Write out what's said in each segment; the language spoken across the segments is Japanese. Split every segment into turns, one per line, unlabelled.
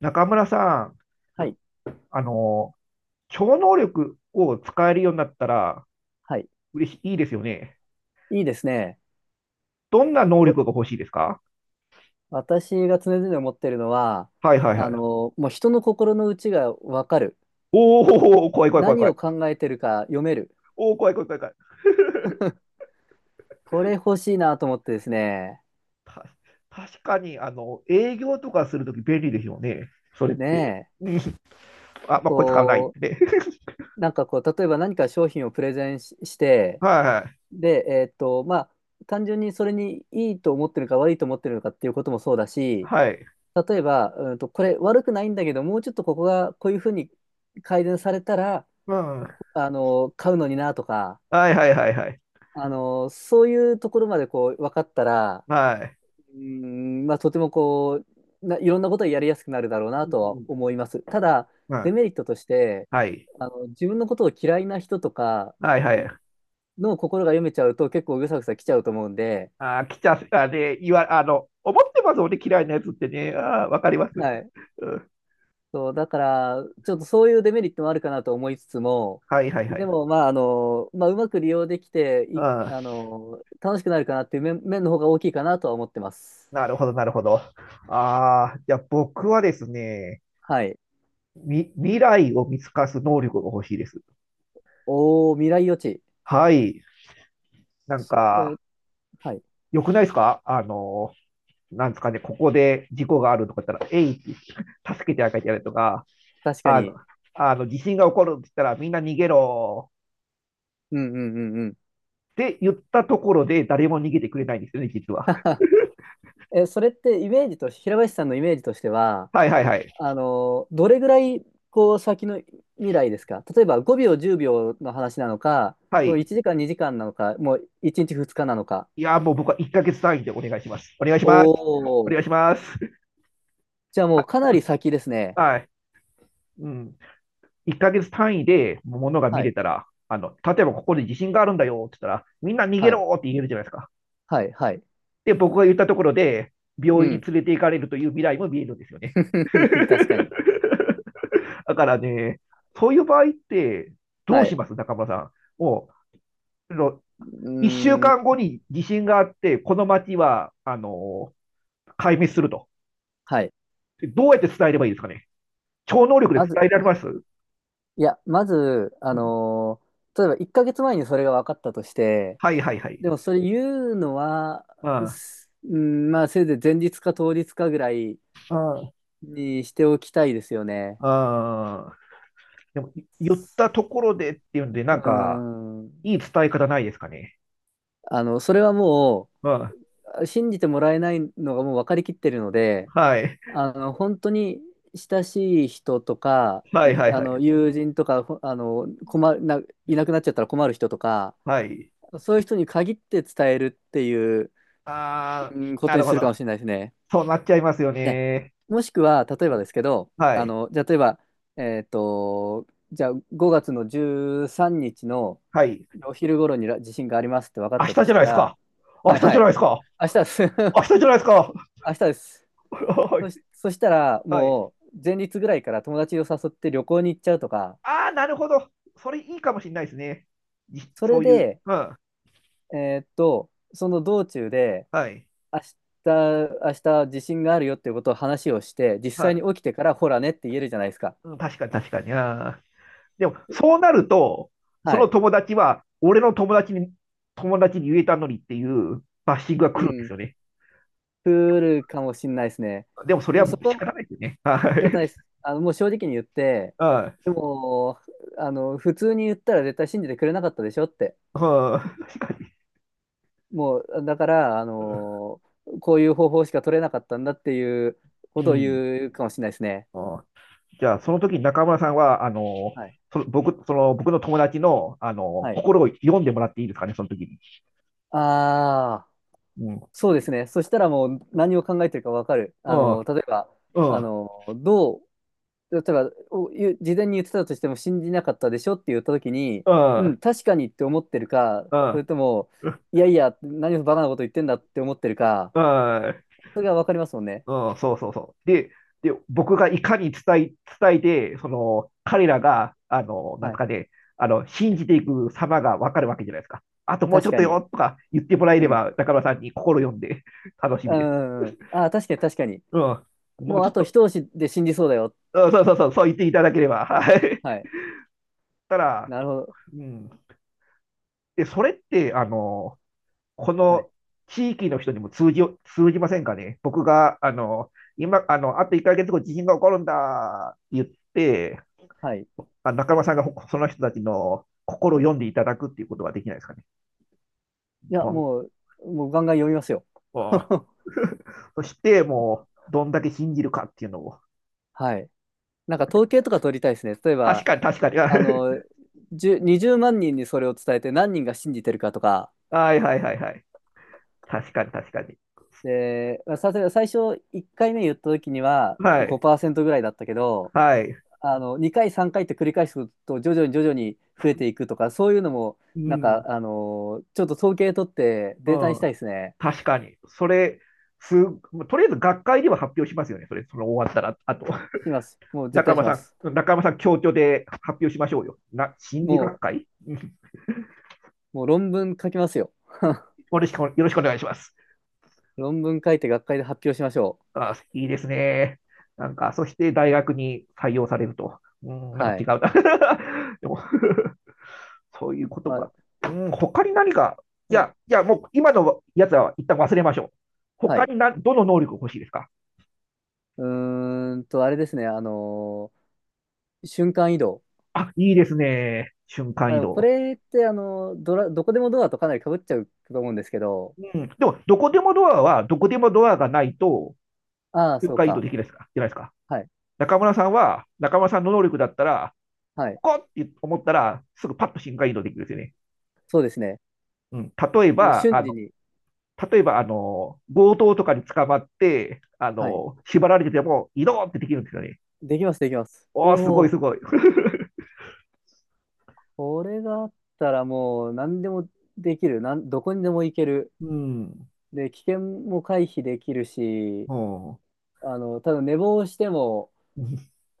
中村さん、
はい。
あの、超能力を使えるようになったら
はい。
嬉しい、いいですよね。
いいですね。
どんな能
わ
力が欲しいですか？
私が常々思ってるのは、
はいはいはい。
もう人の心の内がわかる。
おお、怖い怖い怖い
何
怖い。
を考えてるか読める。
おお、怖い怖い怖い怖い。
これ欲しいなと思ってですね。
た、確かに、営業とかするとき便利ですよね。それって。
ね
うん。
え。
あ、まあ、これ使わないっ
こ
てね。
う、例えば何か商品をプレゼンし、して、
はい
で、まあ、単純にそれにいいと思ってるか悪いと思ってるのかっていうこともそうだし、
はい。はい。
例えば、これ悪くないんだけど、もうちょっとここがこういうふうに改善されたら、
うん。
買うのになとか、
はいはいはいはい。
そういうところまでこう、分かったら、
はい。
まあ、とてもこう、いろんなことをやりやすくなるだろうな
う
とは
ん。
思います。ただ、
は
デ
い。
メリットとして、自分のことを嫌いな人とか
はいはい。
の心が読めちゃうと結構ぐさぐさ来ちゃうと思うんで、
ああ来ちゃう、あ、で、思ってます、ね嫌いなやつってね。ああわかります。
はい。
うん。
そう、だから、ちょっとそういうデメリットもあるかなと思いつつも、
はいはいは
で
い。
も、まあ、うまく利用できて、
う
い、
ん、
あの、楽しくなるかなっていう面の方が大きいかなとは思ってます。
なるほど、なるほど。ああ、じゃあ僕はですね、
はい。
未来を見透かす能力が欲しいです。
おー、未来予知。
はい。なん
そ、え
か、
ーはい。
良くないですか？なんですかね、ここで事故があるとか言ったら、えいって助けてあげてやるとか、
確か
あの、
に。
あの地震が起こるって言ったら、みんな逃げろ
うんうんうんうん。
って言ったところで、誰も逃げてくれないんですよね、実は。
え、それってイメージと、平林さんのイメージとしては、
はいはいはい。
どれぐらい、こう、先の未来ですか？例えば5秒、10秒の話なのか、
は
もう
い。
1時間、2時間なのか、もう1日、2日なのか。
いや、もう僕は1ヶ月単位でお願いします。お願いします。お
おー、
願いします。
じゃあもうか なり先ですね。
はい。うん。1ヶ月単位でものが見
は
れ
い、
たら、例えばここで地震があるんだよって言ったら、みんな逃げ
はい、
ろって言えるじゃないですか。
はい、はい。
で、僕が言ったところで、
う
病院に
ん。
連れて行かれるという未来も見えるんですよね。
確かに。
だからね、そういう場合って、ど
は
う
い。
し
う
ます中村さん？もう、
ー
1週間
ん、
後に地震があって、この町は、壊滅すると。
はい。
どうやって伝えればいいですかね？超能力で
ま
伝
ず、
えられます？う
いや、まず、
ん。
例えば1ヶ月前にそれが分かったとして、
はいはいはい。
でもそれ言うのは、
あ
すうん、まあせいぜい前日か当日かぐらい
あ、あ
にしておきたいですよね。
あ、ああ。でも、言ったところでっていうんで、なん
う
か、
ん。
いい伝え方ないですかね？
それはも
うん。
う、信じてもらえないのがもう分かりきってるので、
はい。
本当に親しい人とか、
はい
い
はい
あ
は
の、
い。
友人とか、ほあの、困るな、いなくなっちゃったら困る人とか、
はい。
そういう人に限って伝えるっていう、
ああ、
うん、こ
な
と
る
に
ほ
するかも
ど。
しれないですね。
そうなっちゃいますよ
で、
ね。
もしくは、例えばですけど、
は
あ
い。
の、じゃあ、例えば、えっと、じゃあ、5月の13日の
はい。
お昼頃にら地震がありますって分かっ
明日
たと
じ
し
ゃない
た
です
ら、
か。明
はい
日
は
じゃない
い、
ですか。
明日です。
明日じゃないですか。
明日です。
はい。
そしたら、
はい。
もう、前日ぐらいから友達を誘って旅行に行っちゃうとか、
ああ、なるほど。それいいかもしれないですね。
そ
そ
れ
ういう。
で、
うん。
その道中で、
はい。
明明日地震があるよっていうことを話をして、実
は
際
い。
に起きてから、ほらねって言えるじゃないですか。
うん、確かに確かに。ああ。でも、そうなると、そ
は
の
い。
友達は、俺の友達に、友達に言えたのにっていうバッシングが来
う
るんです
ん。
よね。
来るかもしんないですね。
でも、それ
で
は
もそ
もう
こ
仕
は仕
方ないですよね。は
方ないです。
い。
もう正直に言って、でも、普通に言ったら絶対信じてくれなかったでしょって。
うん、確か
もう、だから、こういう方法しか取れなかったんだっていう
に。
こ
う
とを
ん。
言うかもしれないですね。
ああ。じゃあ、その時に中村さんは、
はい。
その僕の友達の、
はい。
心を読んでもらっていいですかね、その時に。
ああ、そうですね。そしたらもう何を考えてるかわかる。
う
あ
ん。
の、例えば、
う
あ
ん。
の、どう例えばお言う事前に言ってたとしても信じなかったでしょって言った時に、
うん。
う
う
ん、
ん。
確かにって思ってるか、
う
そ
ん。
れとも、いやいや、何をバカなこと言ってんだって思ってるか、
うん
それが分かりますもんね。
うん、そうそうそう。で、僕がいかに伝えて、その、彼らが、なん
は
す
い。
かね、信じていく様がわかるわけじゃないですか。あともうち
確
ょっ
か
と
に。
よとか言ってもらえれ
うん。
ば、中村さんに心読んで楽し
う
みです。
んうんうん。ああ、確かに確かに。
うん。もう
もう
ちょ
あ
っ
と
と、
一押しで信じそうだよ。
うん、そうそうそう、そう言っていただければ。はい。
はい。
たら、
なるほど。
うん。で、それって、こ
はい。
の地域の人にも通じませんかね。僕が、今、あと1ヶ月後、地震が起こるんだって言って、
はい。い
あ、中村さんがその人たちの心を読んでいただくっていうことはできないですかね？
や、
ポン
もうガンガン読みますよ。
と。 そして、もう、どんだけ信じるかっていうのを。
はい。なんか統計とか取りたいですね。例え
確
ば、
かに、確かに。は
あの、10 20万人にそれを伝えて何人が信じてるかとか、
いはいはいはい。確かに、確かに。
で、まあさすがに最初1回目言った時には
はい、
5%ぐらいだったけど、
はい。
2回3回って繰り返すと徐々に徐々に増えていくとか、そういうのも
う
なんか
ん、
ちょっと統計取って
う
データにした
ん。
いですね。
確かに。それ、す、とりあえず学会では発表しますよね。それ、その終わったら、あと。
します。もう絶
中
対し
山
ま
さ
す。
ん、中山さん、協調で発表しましょうよ。心理学
も
会。うん。
もう論文書きますよ。
よろしくよろしくお願いします。
論文書いて学会で発表しましょう。
あ、好きですね。なんか、そして大学に採用されると。うん、なんか
は
違う
い。
な。でも。 そういうこと
ま
か。
あ、
うん、他に何か、い
まあ
や、いや、もう今のやつは一旦忘れましょう。
は
他
い。
にどの能力が欲しいですか？
あれですね。瞬間移動。
あ、いいですね。瞬間移
こ
動。
れってあのドラ、どこでもドアとかなり被っちゃうと思うんですけど、
うん。でも、どこでもドアは、どこでもドアがないと、
ああ、
瞬
そう
間移動
か。
できないですかじゃないですか。
はい。
中村さんの能力だったら、
はい。
ここって思ったら、すぐパッと瞬間移動できるんですよね。
そうですね。
うん。例え
もう
ば、あ
瞬時
の、
に。
例えば、あの、強盗とかに捕まって、
はい。
縛られてても、移動ってできるんですよね。
できます、できます。お
おー、すごいす
お、
ごい。
これがあったらもう何でもできる。どこにでも行ける。
うん。
で、危険も回避できるし、
おー。
ただ寝坊しても、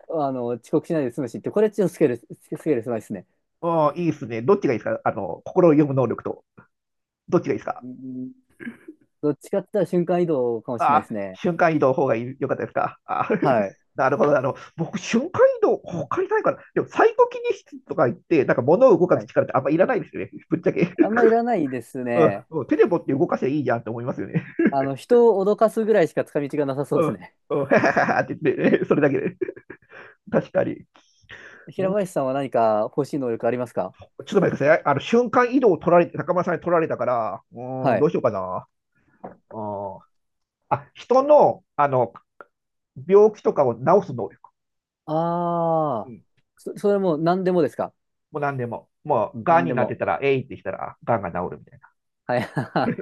遅刻しないで済むしって、これちょっとスケール狭いですね。
おー、いいですね。どっちがいいですか？あの、心を読む能力と。どっちがいいですか？
うん、どっちかって言ったら瞬間移動かもしれないで
あ
す
ー、
ね。
瞬間移動の方が良かったですか？あー。
は い。
なるほど。僕、瞬間移動、
うん、
他にないから。でも、サイコキネシスとか言って、なんか物を動か
は
す
い。
力ってあんまいらないですよね。ぶっちゃけ。
あ んまいらないです
うん
ね。
うん、手で持って動かせばいいじゃんって思いますよね。
人を脅かすぐらいしか使い道がなさそう
う
です
ん、
ね。
うん、って言って、ね、それだけで。確かに。
平
うん。
林さんは何か欲しい能力ありますか？
ちょっと待ってください。瞬間移動を取られて、高村さんに取られたから、うーん、
は
どう
い。
しようかな。うん。あ、人の、病気とかを治す能力。
あ
う
あ、
ん。
それも何でもですか？
もう何でも。もう、癌
何
に
で
なって
も。
たら、えいってしたら、癌が治るみたい
はい。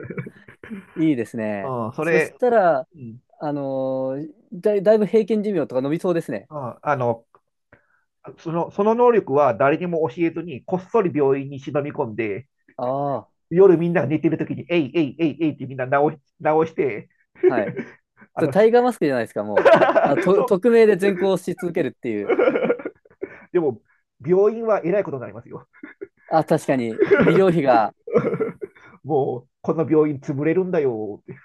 いいですね。
な。うん、そ
そし
れ、
たら、
うん、
だいぶ平均寿命とか伸びそうですね。
うん。その能力は誰にも教えずに、こっそり病院に忍び込んで、
ああ、
夜みんなが寝てるときに、えいえいえいえいってみんな治して、
はい。
あ
それ
の、
タ
し
イガーマスクじゃないですか、もう。
そう。
匿名で善行し続けるっていう。
でも、病院はえらいことになりますよ。
確かに、医療 費が、
もう、この病院潰れるんだよって。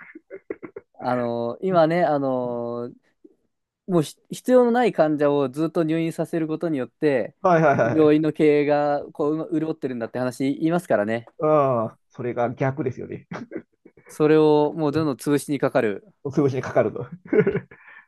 今ね、もう必要のない患者をずっと入院させることによって、
はいはいはい。
病院の経営がこううま潤ってるんだって話言いますからね。
うん。それが逆ですよね。
それをもうどんどん 潰しにかかる。
潰しにかかるの。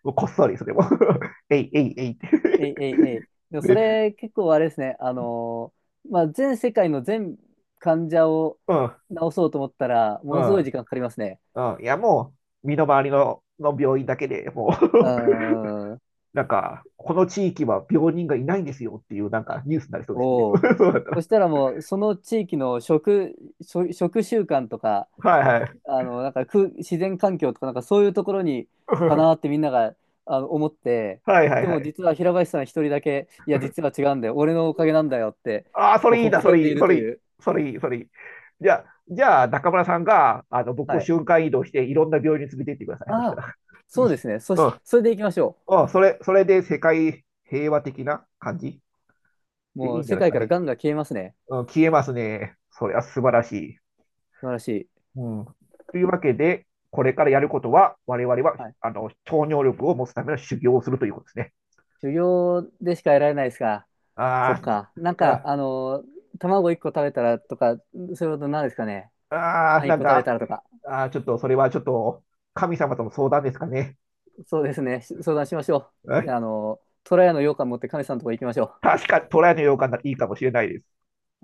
もうこっそり、それも。えいえいえいっ
え
て。
いえいえい。で もそ
で、
れ結構あれですね、まあ、全世界の全患者を
うん、
治そうと思ったら、
う
ものす
ん、
ごい時間かかりますね。
うん。いや、もう、身の回りの病院だけでもう。
う ーん。
なんか、この地域は病人がいないんですよっていう、なんか、ニュースになりそうですね。
おお。
そうだった
そ
ら。
したらもう、その地域の食習慣とか、
はいはい。
なんか自然環境とか、なんかそういうところにかなっ てみんなが思って、
はいはい
で
は
も
い。
実は平林さん一人だけ、いや、実は違うんだよ、俺のおかげなんだよって、
ああ、そ
こう
れいい
ほく
な、
そ
そ
笑ん
れい
で
い、
いる
そ
と
れいい、
いう。
それいい、それいい。じゃあ、じゃあ、中村さんが、僕を
はい。
瞬間移動して、いろんな病院に連れて行ってください。そし
あ
た
あ、
ら。
そうですね。それでいきましょ
うん。うん、それで世界平和的な感じ
う。
で
も
い
う
いんじゃ
世
ないです
界
か
から
ね。
ガンが消えますね。
うん、消えますね。それは素晴らしい。
素晴らしい。
うん。というわけで、これからやることは、我々は、
はい。
超能力を持つための修行をするということですね。
修行でしか得られないですか？そっ
あ
か。なんか、
あ、
卵1個食べたらとか、そういうことなんですかね。
ああ、
パン1
なん
個食べ
か、
たらとか。
あ、ちょっと、それはちょっと、神様との相談ですかね。
そうですね。相談しましょ
は
う。
い、
トラヤの羊羹持ってカメさんのとこ行きましょう。
確かにトライのようかないいかもしれないです。